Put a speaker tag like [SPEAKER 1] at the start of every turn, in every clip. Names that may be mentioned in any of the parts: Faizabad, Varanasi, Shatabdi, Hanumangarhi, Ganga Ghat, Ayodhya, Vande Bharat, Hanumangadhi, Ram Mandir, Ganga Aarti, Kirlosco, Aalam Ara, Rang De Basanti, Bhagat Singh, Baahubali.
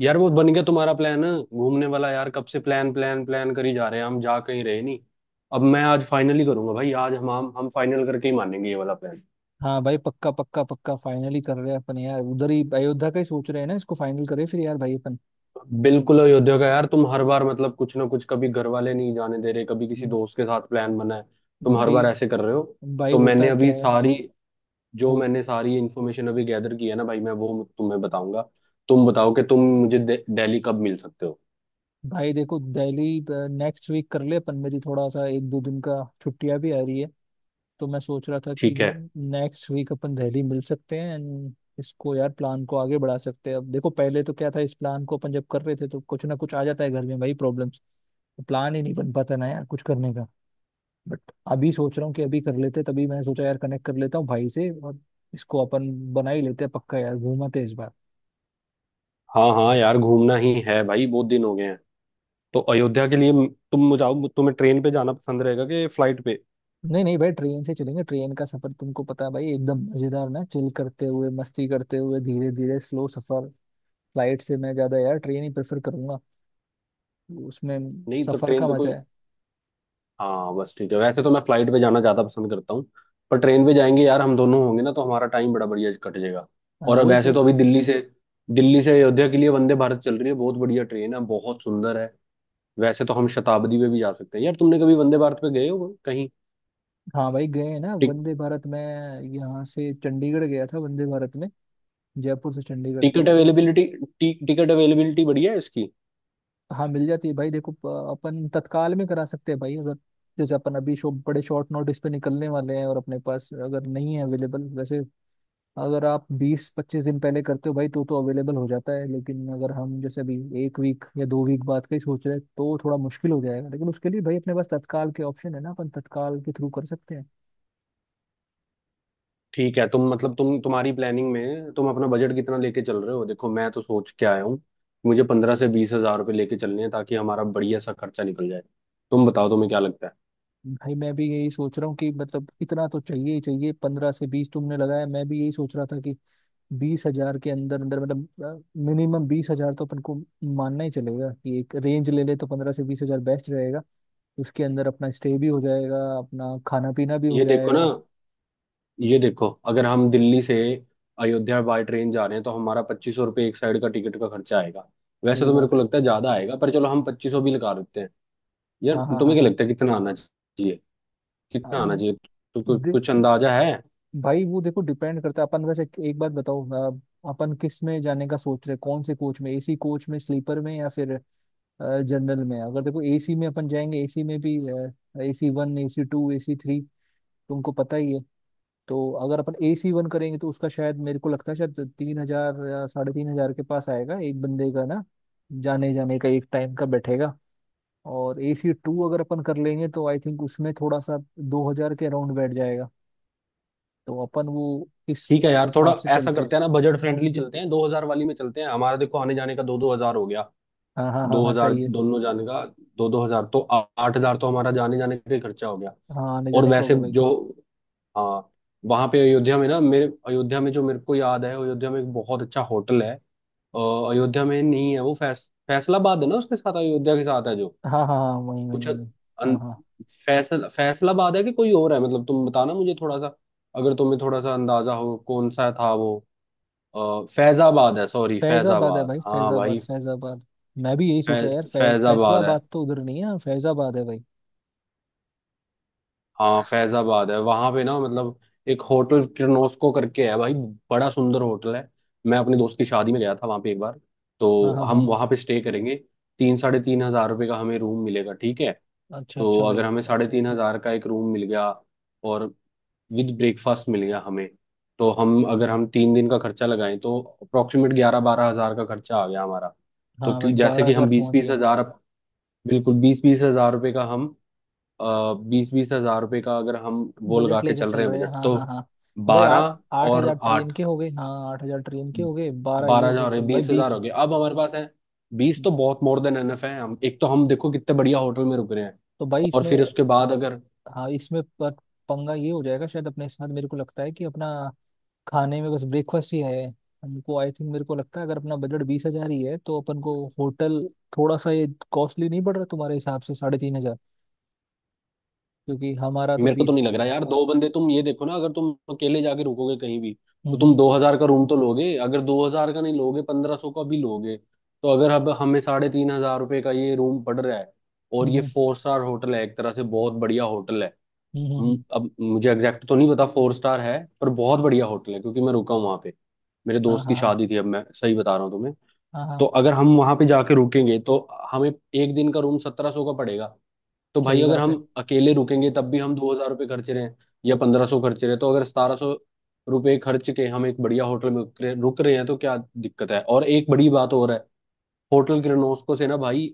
[SPEAKER 1] यार, वो बन गया तुम्हारा प्लान घूमने वाला? यार, कब से प्लान प्लान प्लान करी जा रहे हैं, हम जा कहीं रहे नहीं। अब मैं आज फाइनली करूंगा भाई। आज हम फाइनल करके ही मानेंगे, ये वाला प्लान।
[SPEAKER 2] हाँ भाई, पक्का पक्का पक्का फाइनली कर रहे हैं अपन। यार, उधर ही अयोध्या का ही सोच रहे हैं ना, इसको फाइनल करें फिर यार भाई अपन।
[SPEAKER 1] बिल्कुल अयोध्या का। यार, तुम हर बार मतलब कुछ ना कुछ, कभी घर वाले नहीं जाने दे रहे, कभी किसी
[SPEAKER 2] हम्म।
[SPEAKER 1] दोस्त के साथ प्लान बना है। तुम हर
[SPEAKER 2] भाई,
[SPEAKER 1] बार ऐसे कर रहे हो।
[SPEAKER 2] भाई
[SPEAKER 1] तो मैंने
[SPEAKER 2] होता
[SPEAKER 1] अभी
[SPEAKER 2] क्या है।
[SPEAKER 1] सारी जो
[SPEAKER 2] हो।
[SPEAKER 1] मैंने सारी इन्फॉर्मेशन अभी गैदर की है ना भाई, मैं वो तुम्हें बताऊंगा। तुम बताओ कि तुम मुझे दिल्ली कब मिल सकते हो।
[SPEAKER 2] भाई देखो दिल्ली, नेक्स्ट वीक कर ले अपन। मेरी थोड़ा सा एक दो दिन का छुट्टियां भी आ रही है। तो मैं सोच रहा था कि
[SPEAKER 1] ठीक है।
[SPEAKER 2] नेक्स्ट वीक अपन दिल्ली मिल सकते हैं एंड इसको यार प्लान को आगे बढ़ा सकते हैं। अब देखो, पहले तो क्या था, इस प्लान को अपन जब कर रहे थे तो कुछ ना कुछ आ जाता है घर में भाई, प्रॉब्लम्स। प्लान ही नहीं बन पाता ना यार कुछ करने का। बट अभी सोच रहा हूँ कि अभी कर लेते, तभी मैंने सोचा यार कनेक्ट कर लेता हूँ भाई से और इसको अपन बना ही लेते हैं पक्का। यार, घूमाते हैं इस बार।
[SPEAKER 1] हाँ हाँ, यार घूमना ही है भाई, बहुत दिन हो गए हैं। तो अयोध्या के लिए तुम मुझे आओ, तुम्हें ट्रेन पे जाना पसंद रहेगा कि फ्लाइट पे?
[SPEAKER 2] नहीं नहीं भाई, ट्रेन से चलेंगे। ट्रेन का सफर तुमको पता है भाई, एकदम मजेदार ना, चिल करते हुए, मस्ती करते हुए, धीरे धीरे स्लो सफर। फ्लाइट से मैं ज्यादा यार ट्रेन ही प्रेफर करूंगा उसमें।
[SPEAKER 1] नहीं तो
[SPEAKER 2] सफर
[SPEAKER 1] ट्रेन
[SPEAKER 2] का
[SPEAKER 1] पे
[SPEAKER 2] मजा
[SPEAKER 1] कोई,
[SPEAKER 2] है।
[SPEAKER 1] हाँ बस ठीक है। वैसे तो मैं फ्लाइट पे जाना ज्यादा पसंद करता हूँ, पर ट्रेन पे जाएंगे यार, हम दोनों होंगे ना तो हमारा टाइम बड़ा बढ़िया कट जाएगा।
[SPEAKER 2] हाँ
[SPEAKER 1] और अब
[SPEAKER 2] वही
[SPEAKER 1] वैसे
[SPEAKER 2] तो।
[SPEAKER 1] तो अभी दिल्ली से अयोध्या के लिए वंदे भारत चल रही है, बहुत बढ़िया ट्रेन है, बहुत सुंदर है। वैसे तो हम शताब्दी पे भी जा सकते हैं। यार, तुमने कभी वंदे भारत पे गए हो कहीं?
[SPEAKER 2] हाँ भाई, गए हैं ना
[SPEAKER 1] टिक,
[SPEAKER 2] वंदे भारत में। यहाँ से चंडीगढ़ गया था वंदे भारत में। जयपुर से चंडीगढ़
[SPEAKER 1] टिकट
[SPEAKER 2] तो।
[SPEAKER 1] अवेलेबिलिटी टिकट अवेलेबिलिटी बढ़िया है इसकी।
[SPEAKER 2] हाँ मिल जाती है भाई। देखो, अपन तत्काल में करा सकते हैं भाई, अगर जैसे अपन अभी शो बड़े शॉर्ट नोटिस पे निकलने वाले हैं और अपने पास अगर नहीं है अवेलेबल। वैसे अगर आप 20 25 दिन पहले करते हो भाई तो अवेलेबल हो जाता है। लेकिन अगर हम जैसे अभी एक वीक या दो वीक बाद का ही सोच रहे हैं तो थोड़ा मुश्किल हो जाएगा। लेकिन उसके लिए भाई अपने पास तत्काल के ऑप्शन है ना, अपन तत्काल के थ्रू कर सकते हैं।
[SPEAKER 1] ठीक है। तुम तुम्हारी प्लानिंग में तुम अपना बजट कितना लेके चल रहे हो? देखो, मैं तो सोच के आया हूँ। मुझे 15 से 20 हज़ार रुपये लेके चलने हैं, ताकि हमारा बढ़िया सा खर्चा निकल जाए। तुम बताओ तुम्हें क्या लगता है?
[SPEAKER 2] भाई मैं भी यही सोच रहा हूँ कि मतलब इतना तो चाहिए ही चाहिए। 15 से 20 तुमने लगाया, मैं भी यही सोच रहा था कि 20 हजार के अंदर अंदर, मतलब मिनिमम 20 हजार तो अपन को मानना ही चलेगा। कि एक रेंज ले ले तो 15 से 20 हजार बेस्ट रहेगा। उसके अंदर अपना स्टे भी हो जाएगा, अपना खाना पीना भी हो
[SPEAKER 1] ये देखो ना,
[SPEAKER 2] जाएगा।
[SPEAKER 1] ये देखो, अगर हम दिल्ली से अयोध्या बाय ट्रेन जा रहे हैं तो हमारा 2,500 रुपये एक साइड का टिकट का खर्चा आएगा। वैसे
[SPEAKER 2] सही
[SPEAKER 1] तो मेरे
[SPEAKER 2] बात
[SPEAKER 1] को
[SPEAKER 2] है।
[SPEAKER 1] लगता है ज्यादा आएगा, पर चलो हम 2,500 भी लगा देते हैं। यार,
[SPEAKER 2] हाँ हाँ हाँ
[SPEAKER 1] तुम्हें क्या
[SPEAKER 2] हाँ।
[SPEAKER 1] लगता है कितना आना चाहिए?
[SPEAKER 2] अ,
[SPEAKER 1] कितना आना चाहिए, तो कुछ
[SPEAKER 2] दे,
[SPEAKER 1] कुछ अंदाजा है?
[SPEAKER 2] भाई वो देखो, डिपेंड करता है अपन। वैसे एक बात बताओ, अ, अपन किस में जाने का सोच रहे हैं? कौन से कोच में, एसी कोच में, स्लीपर में, या फिर जनरल में? अगर देखो एसी में अपन जाएंगे, एसी में भी AC one, AC two, AC three, तुमको पता ही है। तो अगर अपन एसी वन करेंगे तो उसका शायद मेरे को लगता है शायद 3 हजार या साढ़े 3 हजार के पास आएगा एक बंदे का ना, जाने जाने का एक टाइम का बैठेगा। और एसी टू अगर अपन कर लेंगे तो आई थिंक उसमें थोड़ा सा 2 हजार के अराउंड बैठ जाएगा। तो अपन वो इस
[SPEAKER 1] ठीक है यार, थोड़ा
[SPEAKER 2] हिसाब से
[SPEAKER 1] ऐसा
[SPEAKER 2] चलते हैं।
[SPEAKER 1] करते हैं ना, बजट फ्रेंडली चलते हैं, 2,000 वाली में चलते हैं। हमारा देखो आने जाने का दो दो हजार हो गया।
[SPEAKER 2] हाँ हाँ हाँ
[SPEAKER 1] दो
[SPEAKER 2] हाँ,
[SPEAKER 1] हजार
[SPEAKER 2] सही है।
[SPEAKER 1] दोनों जाने का। दो दो हजार तो आठ हजार तो हमारा जाने जाने का ही खर्चा हो गया।
[SPEAKER 2] हाँ, आने
[SPEAKER 1] और
[SPEAKER 2] जाने का हो
[SPEAKER 1] वैसे
[SPEAKER 2] गया भाई।
[SPEAKER 1] जो, हाँ, वहां पे अयोध्या में ना, मेरे अयोध्या में जो मेरे को याद है अयोध्या में एक बहुत अच्छा होटल है। अ, अयोध्या में नहीं है वो फैसलाबाद है ना, उसके साथ अयोध्या के साथ है जो
[SPEAKER 2] हाँ हाँ हाँ, वही वही
[SPEAKER 1] कुछ
[SPEAKER 2] वही। हाँ हाँ,
[SPEAKER 1] फैसलाबाद है, कि कोई और है, मतलब तुम बताना मुझे थोड़ा सा। अगर तुम्हें थोड़ा सा अंदाजा हो कौन सा था वो। और फैजाबाद है, सॉरी
[SPEAKER 2] फैजाबाद है
[SPEAKER 1] फैजाबाद,
[SPEAKER 2] भाई,
[SPEAKER 1] हाँ
[SPEAKER 2] फैजाबाद
[SPEAKER 1] भाई।
[SPEAKER 2] फैजाबाद। मैं भी यही
[SPEAKER 1] फै,
[SPEAKER 2] सोचा यार,
[SPEAKER 1] फैजाबाद है।
[SPEAKER 2] फैसलाबाद तो उधर नहीं है, हाँ, फैजाबाद है भाई।
[SPEAKER 1] हाँ फैजाबाद है, वहां पे ना मतलब एक होटल किर्लोस्को करके है भाई। बड़ा सुंदर होटल है। मैं अपने दोस्त की शादी में गया था वहां पे एक बार, तो
[SPEAKER 2] हाँ हाँ हाँ
[SPEAKER 1] हम
[SPEAKER 2] हाँ।
[SPEAKER 1] वहां पे स्टे करेंगे। तीन 3,500 रुपये का हमें रूम मिलेगा, ठीक है?
[SPEAKER 2] अच्छा
[SPEAKER 1] तो
[SPEAKER 2] अच्छा भाई।
[SPEAKER 1] अगर हमें 3,500 का एक रूम मिल गया और विद ब्रेकफास्ट मिल गया हमें, तो हम अगर हम 3 दिन का खर्चा लगाएं तो अप्रोक्सीमेट 11-12 हज़ार का खर्चा आ गया हमारा। तो
[SPEAKER 2] हाँ भाई,
[SPEAKER 1] क्यों, जैसे
[SPEAKER 2] बारह
[SPEAKER 1] कि हम
[SPEAKER 2] हजार
[SPEAKER 1] बीस
[SPEAKER 2] पहुंच
[SPEAKER 1] बीस
[SPEAKER 2] गए।
[SPEAKER 1] हजार, बिल्कुल बीस बीस हजार रुपए का हम, बीस बीस हजार रुपए का अगर हम वो लगा
[SPEAKER 2] बजट
[SPEAKER 1] के
[SPEAKER 2] लेके
[SPEAKER 1] चल रहे
[SPEAKER 2] चल
[SPEAKER 1] हैं
[SPEAKER 2] रहे हैं,
[SPEAKER 1] बजट,
[SPEAKER 2] हाँ
[SPEAKER 1] तो
[SPEAKER 2] हाँ हाँ। तो भाई आठ,
[SPEAKER 1] बारह
[SPEAKER 2] 8 हजार
[SPEAKER 1] और
[SPEAKER 2] ट्रेन
[SPEAKER 1] आठ,
[SPEAKER 2] के हो गए, हाँ 8 हजार ट्रेन के हो गए, बारह ये
[SPEAKER 1] बारह
[SPEAKER 2] हो
[SPEAKER 1] हजार
[SPEAKER 2] गए
[SPEAKER 1] हो रहे,
[SPEAKER 2] तो भाई
[SPEAKER 1] बीस
[SPEAKER 2] बीस।
[SPEAKER 1] हजार हो गए। अब हमारे पास है बीस, तो बहुत मोर देन एनफ है। हम एक, तो हम देखो कितने बढ़िया होटल में रुक रहे हैं।
[SPEAKER 2] तो भाई
[SPEAKER 1] और
[SPEAKER 2] इसमें,
[SPEAKER 1] फिर उसके बाद अगर,
[SPEAKER 2] हाँ इसमें पर पंगा ये हो जाएगा शायद अपने साथ, मेरे को लगता है कि अपना खाने में बस ब्रेकफास्ट ही है हमको। आई थिंक मेरे को लगता है अगर अपना बजट 20 हजार ही है तो अपन को होटल थोड़ा सा ये कॉस्टली नहीं पड़ रहा तुम्हारे हिसाब से, साढ़े 3 हजार? क्योंकि हमारा तो
[SPEAKER 1] मेरे को तो
[SPEAKER 2] बीस।
[SPEAKER 1] नहीं लग रहा यार, दो बंदे, तुम ये देखो ना, अगर तुम अकेले जाके रुकोगे कहीं भी तो तुम
[SPEAKER 2] हम्म
[SPEAKER 1] 2,000 का रूम तो लोगे, अगर दो हजार का नहीं लोगे 1,500 का भी लोगे। तो अगर अब हमें 3,500 रुपए का ये रूम पड़ रहा है, और
[SPEAKER 2] हम्म।
[SPEAKER 1] ये
[SPEAKER 2] हम्म।
[SPEAKER 1] फोर स्टार होटल है, एक तरह से बहुत बढ़िया होटल है।
[SPEAKER 2] हम्म, हम्म, हम्म।
[SPEAKER 1] अब मुझे एग्जैक्ट तो नहीं पता फोर स्टार है, पर बहुत बढ़िया होटल है क्योंकि मैं रुका हूँ वहां पे, मेरे
[SPEAKER 2] हाँ
[SPEAKER 1] दोस्त की
[SPEAKER 2] हाँ हाँ
[SPEAKER 1] शादी थी। अब मैं सही बता रहा हूँ तुम्हें।
[SPEAKER 2] हाँ
[SPEAKER 1] तो
[SPEAKER 2] हाँ।
[SPEAKER 1] अगर हम वहां पे जाके रुकेंगे तो हमें एक दिन का रूम 1,700 का पड़ेगा। तो भाई,
[SPEAKER 2] सही
[SPEAKER 1] अगर
[SPEAKER 2] बात
[SPEAKER 1] हम
[SPEAKER 2] है।
[SPEAKER 1] अकेले रुकेंगे तब भी हम 2,000 रुपये खर्च रहे हैं या 1,500 खर्च रहे हैं, तो अगर 1,700 रुपए खर्च के हम एक बढ़िया होटल में रुक रहे हैं तो क्या दिक्कत है। और एक बड़ी बात और है, होटल किरणोस्को से ना भाई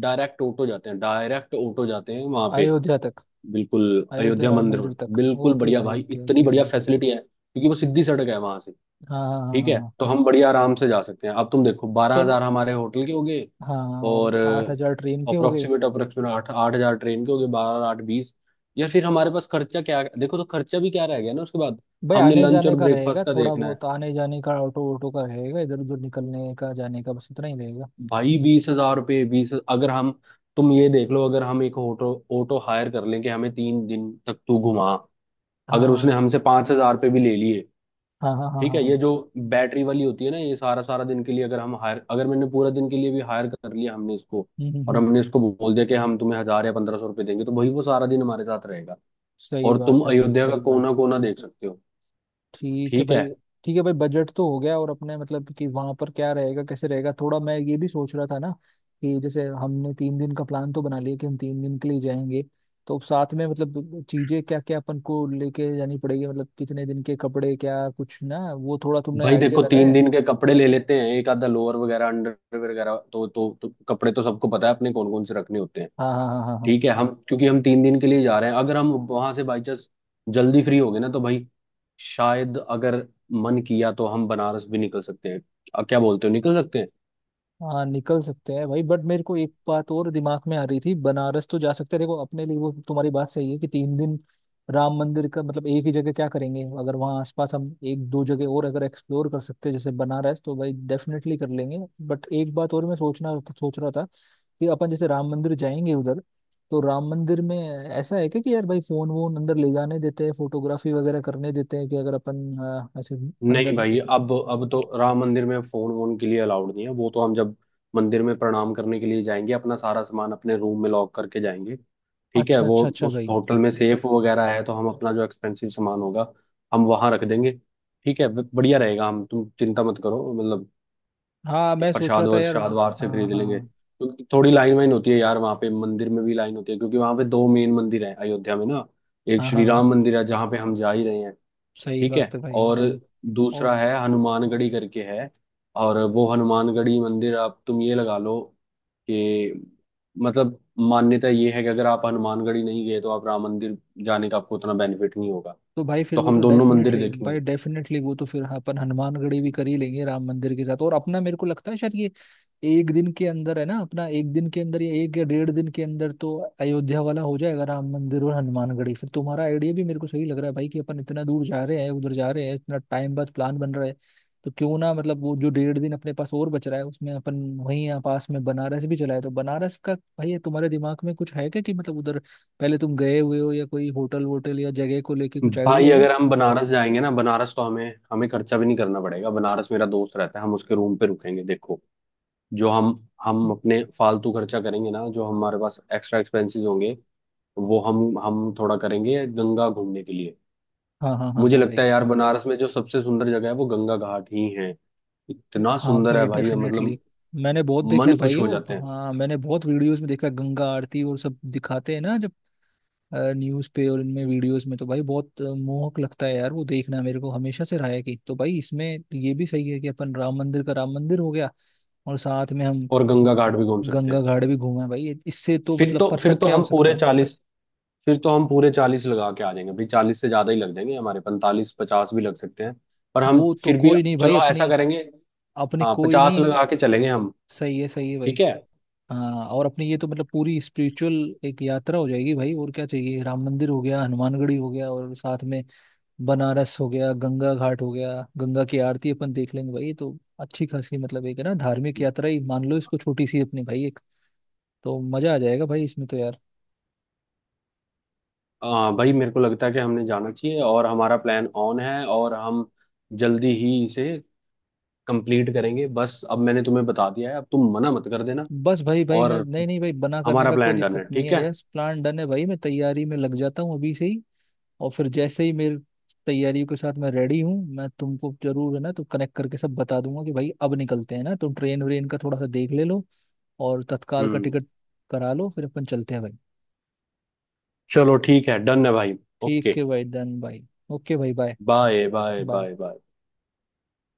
[SPEAKER 1] डायरेक्ट ऑटो जाते हैं वहां पे,
[SPEAKER 2] अयोध्या तक।
[SPEAKER 1] बिल्कुल
[SPEAKER 2] अयोध्या
[SPEAKER 1] अयोध्या
[SPEAKER 2] राम
[SPEAKER 1] मंदिर में।
[SPEAKER 2] मंदिर तक।
[SPEAKER 1] बिल्कुल
[SPEAKER 2] ओके
[SPEAKER 1] बढ़िया
[SPEAKER 2] भाई,
[SPEAKER 1] भाई,
[SPEAKER 2] ओके
[SPEAKER 1] इतनी
[SPEAKER 2] ओके
[SPEAKER 1] बढ़िया
[SPEAKER 2] भाई।
[SPEAKER 1] फैसिलिटी है, क्योंकि वो सीधी सड़क है वहां से।
[SPEAKER 2] हाँ हाँ हाँ
[SPEAKER 1] ठीक
[SPEAKER 2] हाँ
[SPEAKER 1] है,
[SPEAKER 2] हाँ।
[SPEAKER 1] तो हम बढ़िया आराम से जा सकते हैं। अब तुम देखो, बारह
[SPEAKER 2] चलो।
[SPEAKER 1] हजार हमारे होटल के हो गए,
[SPEAKER 2] हाँ हाँ,
[SPEAKER 1] और
[SPEAKER 2] और 8 हजार ट्रेन के हो गए।
[SPEAKER 1] अप्रोक्सीमेट, अप्रोक्सीमेट आठ आठ हजार ट्रेन के हो गए, बारह आठ बीस। या फिर हमारे पास खर्चा, क्या देखो, तो खर्चा भी क्या रह गया ना उसके बाद।
[SPEAKER 2] भाई
[SPEAKER 1] हमने
[SPEAKER 2] आने
[SPEAKER 1] लंच
[SPEAKER 2] जाने
[SPEAKER 1] और
[SPEAKER 2] का रहेगा,
[SPEAKER 1] ब्रेकफास्ट का
[SPEAKER 2] थोड़ा
[SPEAKER 1] देखना है।
[SPEAKER 2] बहुत आने जाने का, ऑटो ऑटो का रहेगा, इधर उधर निकलने का, जाने का, बस इतना ही रहेगा।
[SPEAKER 1] भाई 20,000 रुपये, बीस अगर हम, तुम ये देख लो अगर हम एक ऑटो ऑटो हायर कर लें कि हमें 3 दिन तक तू घुमा, अगर उसने
[SPEAKER 2] हाँ
[SPEAKER 1] हमसे 5,000 रुपये भी ले लिए,
[SPEAKER 2] हाँ हाँ हाँ
[SPEAKER 1] ठीक
[SPEAKER 2] हाँ
[SPEAKER 1] है?
[SPEAKER 2] हाँ।
[SPEAKER 1] ये जो बैटरी वाली होती है ना, ये सारा सारा दिन के लिए अगर हम हायर, अगर मैंने पूरा दिन के लिए भी हायर कर लिया हमने इसको,
[SPEAKER 2] हम्म हम्म,
[SPEAKER 1] और
[SPEAKER 2] हम्म।
[SPEAKER 1] हमने इसको बोल दिया कि हम तुम्हें 1,000 या 1,500 रुपये देंगे, तो भाई वो सारा दिन हमारे साथ रहेगा,
[SPEAKER 2] सही
[SPEAKER 1] और तुम
[SPEAKER 2] बात है भाई,
[SPEAKER 1] अयोध्या का
[SPEAKER 2] सही
[SPEAKER 1] कोना
[SPEAKER 2] बात है।
[SPEAKER 1] कोना देख सकते हो।
[SPEAKER 2] ठीक है
[SPEAKER 1] ठीक
[SPEAKER 2] भाई।
[SPEAKER 1] है।
[SPEAKER 2] ठीक है भाई, बजट तो हो गया। और अपने मतलब कि वहां पर क्या रहेगा कैसे रहेगा, थोड़ा मैं ये भी सोच रहा था ना, कि जैसे हमने 3 दिन का प्लान तो बना लिया कि हम 3 दिन के लिए जाएंगे, तो साथ में मतलब चीजें क्या क्या अपन को लेके जानी पड़ेगी, मतलब कितने दिन के कपड़े, क्या कुछ ना, वो थोड़ा तुमने
[SPEAKER 1] भाई
[SPEAKER 2] आइडिया
[SPEAKER 1] देखो
[SPEAKER 2] लगाया
[SPEAKER 1] तीन
[SPEAKER 2] है?
[SPEAKER 1] दिन के कपड़े ले लेते हैं, एक आधा लोअर वगैरह, अंडर वगैरह, तो कपड़े तो सबको पता है अपने कौन कौन से रखने होते हैं।
[SPEAKER 2] हाँ हाँ हाँ हाँ हाँ
[SPEAKER 1] ठीक है, हम क्योंकि हम 3 दिन के लिए जा रहे हैं, अगर हम वहां से बाई चांस जल्दी फ्री हो गए ना, तो भाई, शायद अगर मन किया तो हम बनारस भी निकल सकते हैं। क्या बोलते हो, निकल सकते हैं?
[SPEAKER 2] हाँ। निकल सकते हैं भाई। बट मेरे को एक बात और दिमाग में आ रही थी, बनारस तो जा सकते हैं देखो अपने लिए, वो तुम्हारी बात सही है कि 3 दिन राम मंदिर का मतलब एक ही जगह क्या करेंगे, अगर वहाँ आसपास हम एक दो जगह और अगर एक्सप्लोर कर सकते हैं जैसे बनारस, तो भाई डेफिनेटली कर लेंगे। बट एक बात और मैं सोच रहा था, कि अपन जैसे राम मंदिर जाएंगे उधर, तो राम मंदिर में ऐसा है क्या कि यार भाई फोन वोन अंदर ले जाने देते हैं, फोटोग्राफी वगैरह करने देते हैं, कि अगर अपन ऐसे
[SPEAKER 1] नहीं
[SPEAKER 2] अंदर।
[SPEAKER 1] भाई, अब तो राम मंदिर में फोन वोन के लिए अलाउड नहीं है। वो तो हम जब मंदिर में प्रणाम करने के लिए जाएंगे, अपना सारा सामान अपने रूम में लॉक करके जाएंगे। ठीक है,
[SPEAKER 2] अच्छा
[SPEAKER 1] वो
[SPEAKER 2] अच्छा अच्छा
[SPEAKER 1] उस
[SPEAKER 2] भाई।
[SPEAKER 1] होटल में सेफ वगैरह है, तो हम अपना जो एक्सपेंसिव सामान होगा हम वहां रख देंगे। ठीक है, बढ़िया रहेगा, हम, तुम चिंता मत करो मतलब।
[SPEAKER 2] हाँ मैं सोच रहा
[SPEAKER 1] प्रसाद
[SPEAKER 2] था
[SPEAKER 1] और
[SPEAKER 2] यार।
[SPEAKER 1] श्राद्ध बाहर से
[SPEAKER 2] हाँ
[SPEAKER 1] खरीद लेंगे,
[SPEAKER 2] हाँ
[SPEAKER 1] क्योंकि थोड़ी लाइन वाइन होती है यार वहाँ पे, मंदिर में भी लाइन होती है, क्योंकि वहाँ पे दो मेन मंदिर है अयोध्या में ना। एक
[SPEAKER 2] हाँ हाँ
[SPEAKER 1] श्री
[SPEAKER 2] हाँ।
[SPEAKER 1] राम मंदिर है जहाँ पे हम जा ही रहे हैं।
[SPEAKER 2] सही
[SPEAKER 1] ठीक है।
[SPEAKER 2] बात है भाई।
[SPEAKER 1] और
[SPEAKER 2] हाँ। और।
[SPEAKER 1] दूसरा है हनुमानगढ़ी करके है। और वो हनुमानगढ़ी मंदिर, आप, तुम ये लगा लो कि, मतलब, मान्यता ये है कि अगर आप हनुमानगढ़ी नहीं गए तो आप राम मंदिर जाने का आपको उतना बेनिफिट नहीं होगा।
[SPEAKER 2] तो भाई फिर
[SPEAKER 1] तो
[SPEAKER 2] वो तो
[SPEAKER 1] हम दोनों मंदिर
[SPEAKER 2] डेफिनेटली
[SPEAKER 1] देखेंगे।
[SPEAKER 2] भाई, डेफिनेटली वो तो फिर अपन हनुमानगढ़ी भी कर ही लेंगे राम मंदिर के साथ। और अपना मेरे को लगता है शायद ये एक दिन के अंदर है ना, अपना एक दिन के अंदर या एक या 1.5 दिन के अंदर तो अयोध्या वाला हो जाएगा, राम मंदिर और हनुमानगढ़ी। फिर तुम्हारा आइडिया भी मेरे को सही लग रहा है भाई कि अपन इतना दूर जा रहे हैं, उधर जा रहे हैं, इतना टाइम बाद प्लान बन रहा है, तो क्यों ना मतलब वो जो 1.5 दिन अपने पास और बच रहा है उसमें अपन वहीं, यहाँ पास में बनारस भी चलाए। तो बनारस का भाई तुम्हारे दिमाग में कुछ है क्या कि मतलब उधर पहले तुम गए हुए हो, या कोई होटल वोटल या जगह को लेके कुछ
[SPEAKER 1] भाई
[SPEAKER 2] आइडिया है?
[SPEAKER 1] अगर हम बनारस जाएंगे ना, बनारस तो हमें हमें खर्चा भी नहीं करना पड़ेगा, बनारस मेरा दोस्त रहता है, हम उसके रूम पे रुकेंगे। देखो जो हम, अपने फालतू खर्चा करेंगे ना, जो हमारे पास एक्स्ट्रा एक्सपेंसेस होंगे वो हम थोड़ा करेंगे गंगा घूमने के लिए।
[SPEAKER 2] हाँ हाँ हाँ
[SPEAKER 1] मुझे
[SPEAKER 2] हाँ भाई।
[SPEAKER 1] लगता है यार, बनारस में जो सबसे सुंदर जगह है वो गंगा घाट ही है। इतना
[SPEAKER 2] हाँ
[SPEAKER 1] सुंदर है
[SPEAKER 2] भाई
[SPEAKER 1] भाई,
[SPEAKER 2] डेफिनेटली।
[SPEAKER 1] मतलब
[SPEAKER 2] मैंने बहुत देखा है
[SPEAKER 1] मन खुश
[SPEAKER 2] भाई
[SPEAKER 1] हो
[SPEAKER 2] वो,
[SPEAKER 1] जाते हैं।
[SPEAKER 2] हाँ मैंने बहुत वीडियोस में देखा है, गंगा आरती और सब दिखाते हैं ना जब न्यूज़ पे और इनमें वीडियोस में, तो भाई बहुत मोहक लगता है यार। वो देखना मेरे को हमेशा से रहा है कि, तो भाई इसमें ये भी सही है कि अपन राम मंदिर का, राम मंदिर हो गया, और साथ में हम
[SPEAKER 1] और गंगा घाट भी घूम सकते हैं।
[SPEAKER 2] गंगा घाट भी घूमे भाई, इससे तो
[SPEAKER 1] फिर
[SPEAKER 2] मतलब
[SPEAKER 1] तो फिर
[SPEAKER 2] परफेक्ट
[SPEAKER 1] तो
[SPEAKER 2] क्या हो
[SPEAKER 1] हम
[SPEAKER 2] सकता
[SPEAKER 1] पूरे
[SPEAKER 2] है।
[SPEAKER 1] 40, फिर तो हम पूरे चालीस लगा के आ जाएंगे भाई। 40 से ज्यादा ही लग जाएंगे, हमारे 45-50 भी लग सकते हैं। पर हम
[SPEAKER 2] वो तो
[SPEAKER 1] फिर भी,
[SPEAKER 2] कोई नहीं भाई,
[SPEAKER 1] चलो हाँ, ऐसा
[SPEAKER 2] अपनी
[SPEAKER 1] करेंगे।
[SPEAKER 2] अपनी
[SPEAKER 1] हाँ,
[SPEAKER 2] कोई
[SPEAKER 1] 50
[SPEAKER 2] नहीं।
[SPEAKER 1] लगा के चलेंगे हम।
[SPEAKER 2] सही है, सही है भाई।
[SPEAKER 1] ठीक है।
[SPEAKER 2] हाँ, और अपनी ये तो मतलब पूरी स्पिरिचुअल एक यात्रा हो जाएगी भाई, और क्या चाहिए? राम मंदिर हो गया, हनुमानगढ़ी हो गया, और साथ में बनारस हो गया, गंगा घाट हो गया, गंगा की आरती अपन देख लेंगे भाई। तो अच्छी खासी, मतलब एक है ना धार्मिक यात्रा ही मान लो इसको, छोटी सी अपनी भाई एक, तो मजा आ जाएगा भाई इसमें तो यार।
[SPEAKER 1] भाई मेरे को लगता है कि हमने जाना चाहिए, और हमारा प्लान ऑन है, और हम जल्दी ही इसे कंप्लीट करेंगे। बस अब मैंने तुम्हें बता दिया है, अब तुम मना मत कर देना।
[SPEAKER 2] बस भाई, भाई
[SPEAKER 1] और
[SPEAKER 2] मैं नहीं, नहीं भाई बना करने
[SPEAKER 1] हमारा
[SPEAKER 2] का कोई
[SPEAKER 1] प्लान डन
[SPEAKER 2] दिक्कत
[SPEAKER 1] है,
[SPEAKER 2] नहीं
[SPEAKER 1] ठीक
[SPEAKER 2] है,
[SPEAKER 1] है।
[SPEAKER 2] यस, प्लान डन है भाई, मैं तैयारी में लग जाता हूँ अभी से ही। और फिर जैसे ही मेरी तैयारियों के साथ मैं रेडी हूँ, मैं तुमको, जरूर है ना, तो कनेक्ट करके सब बता दूंगा कि भाई अब निकलते हैं ना, तुम ट्रेन व्रेन का थोड़ा सा देख ले लो और तत्काल का
[SPEAKER 1] हम्म।
[SPEAKER 2] टिकट करा लो फिर अपन चलते हैं भाई।
[SPEAKER 1] चलो ठीक है, डन है भाई।
[SPEAKER 2] ठीक
[SPEAKER 1] ओके।
[SPEAKER 2] है भाई, डन भाई। ओके भाई, bye
[SPEAKER 1] bye bye
[SPEAKER 2] bye.
[SPEAKER 1] Bye bye.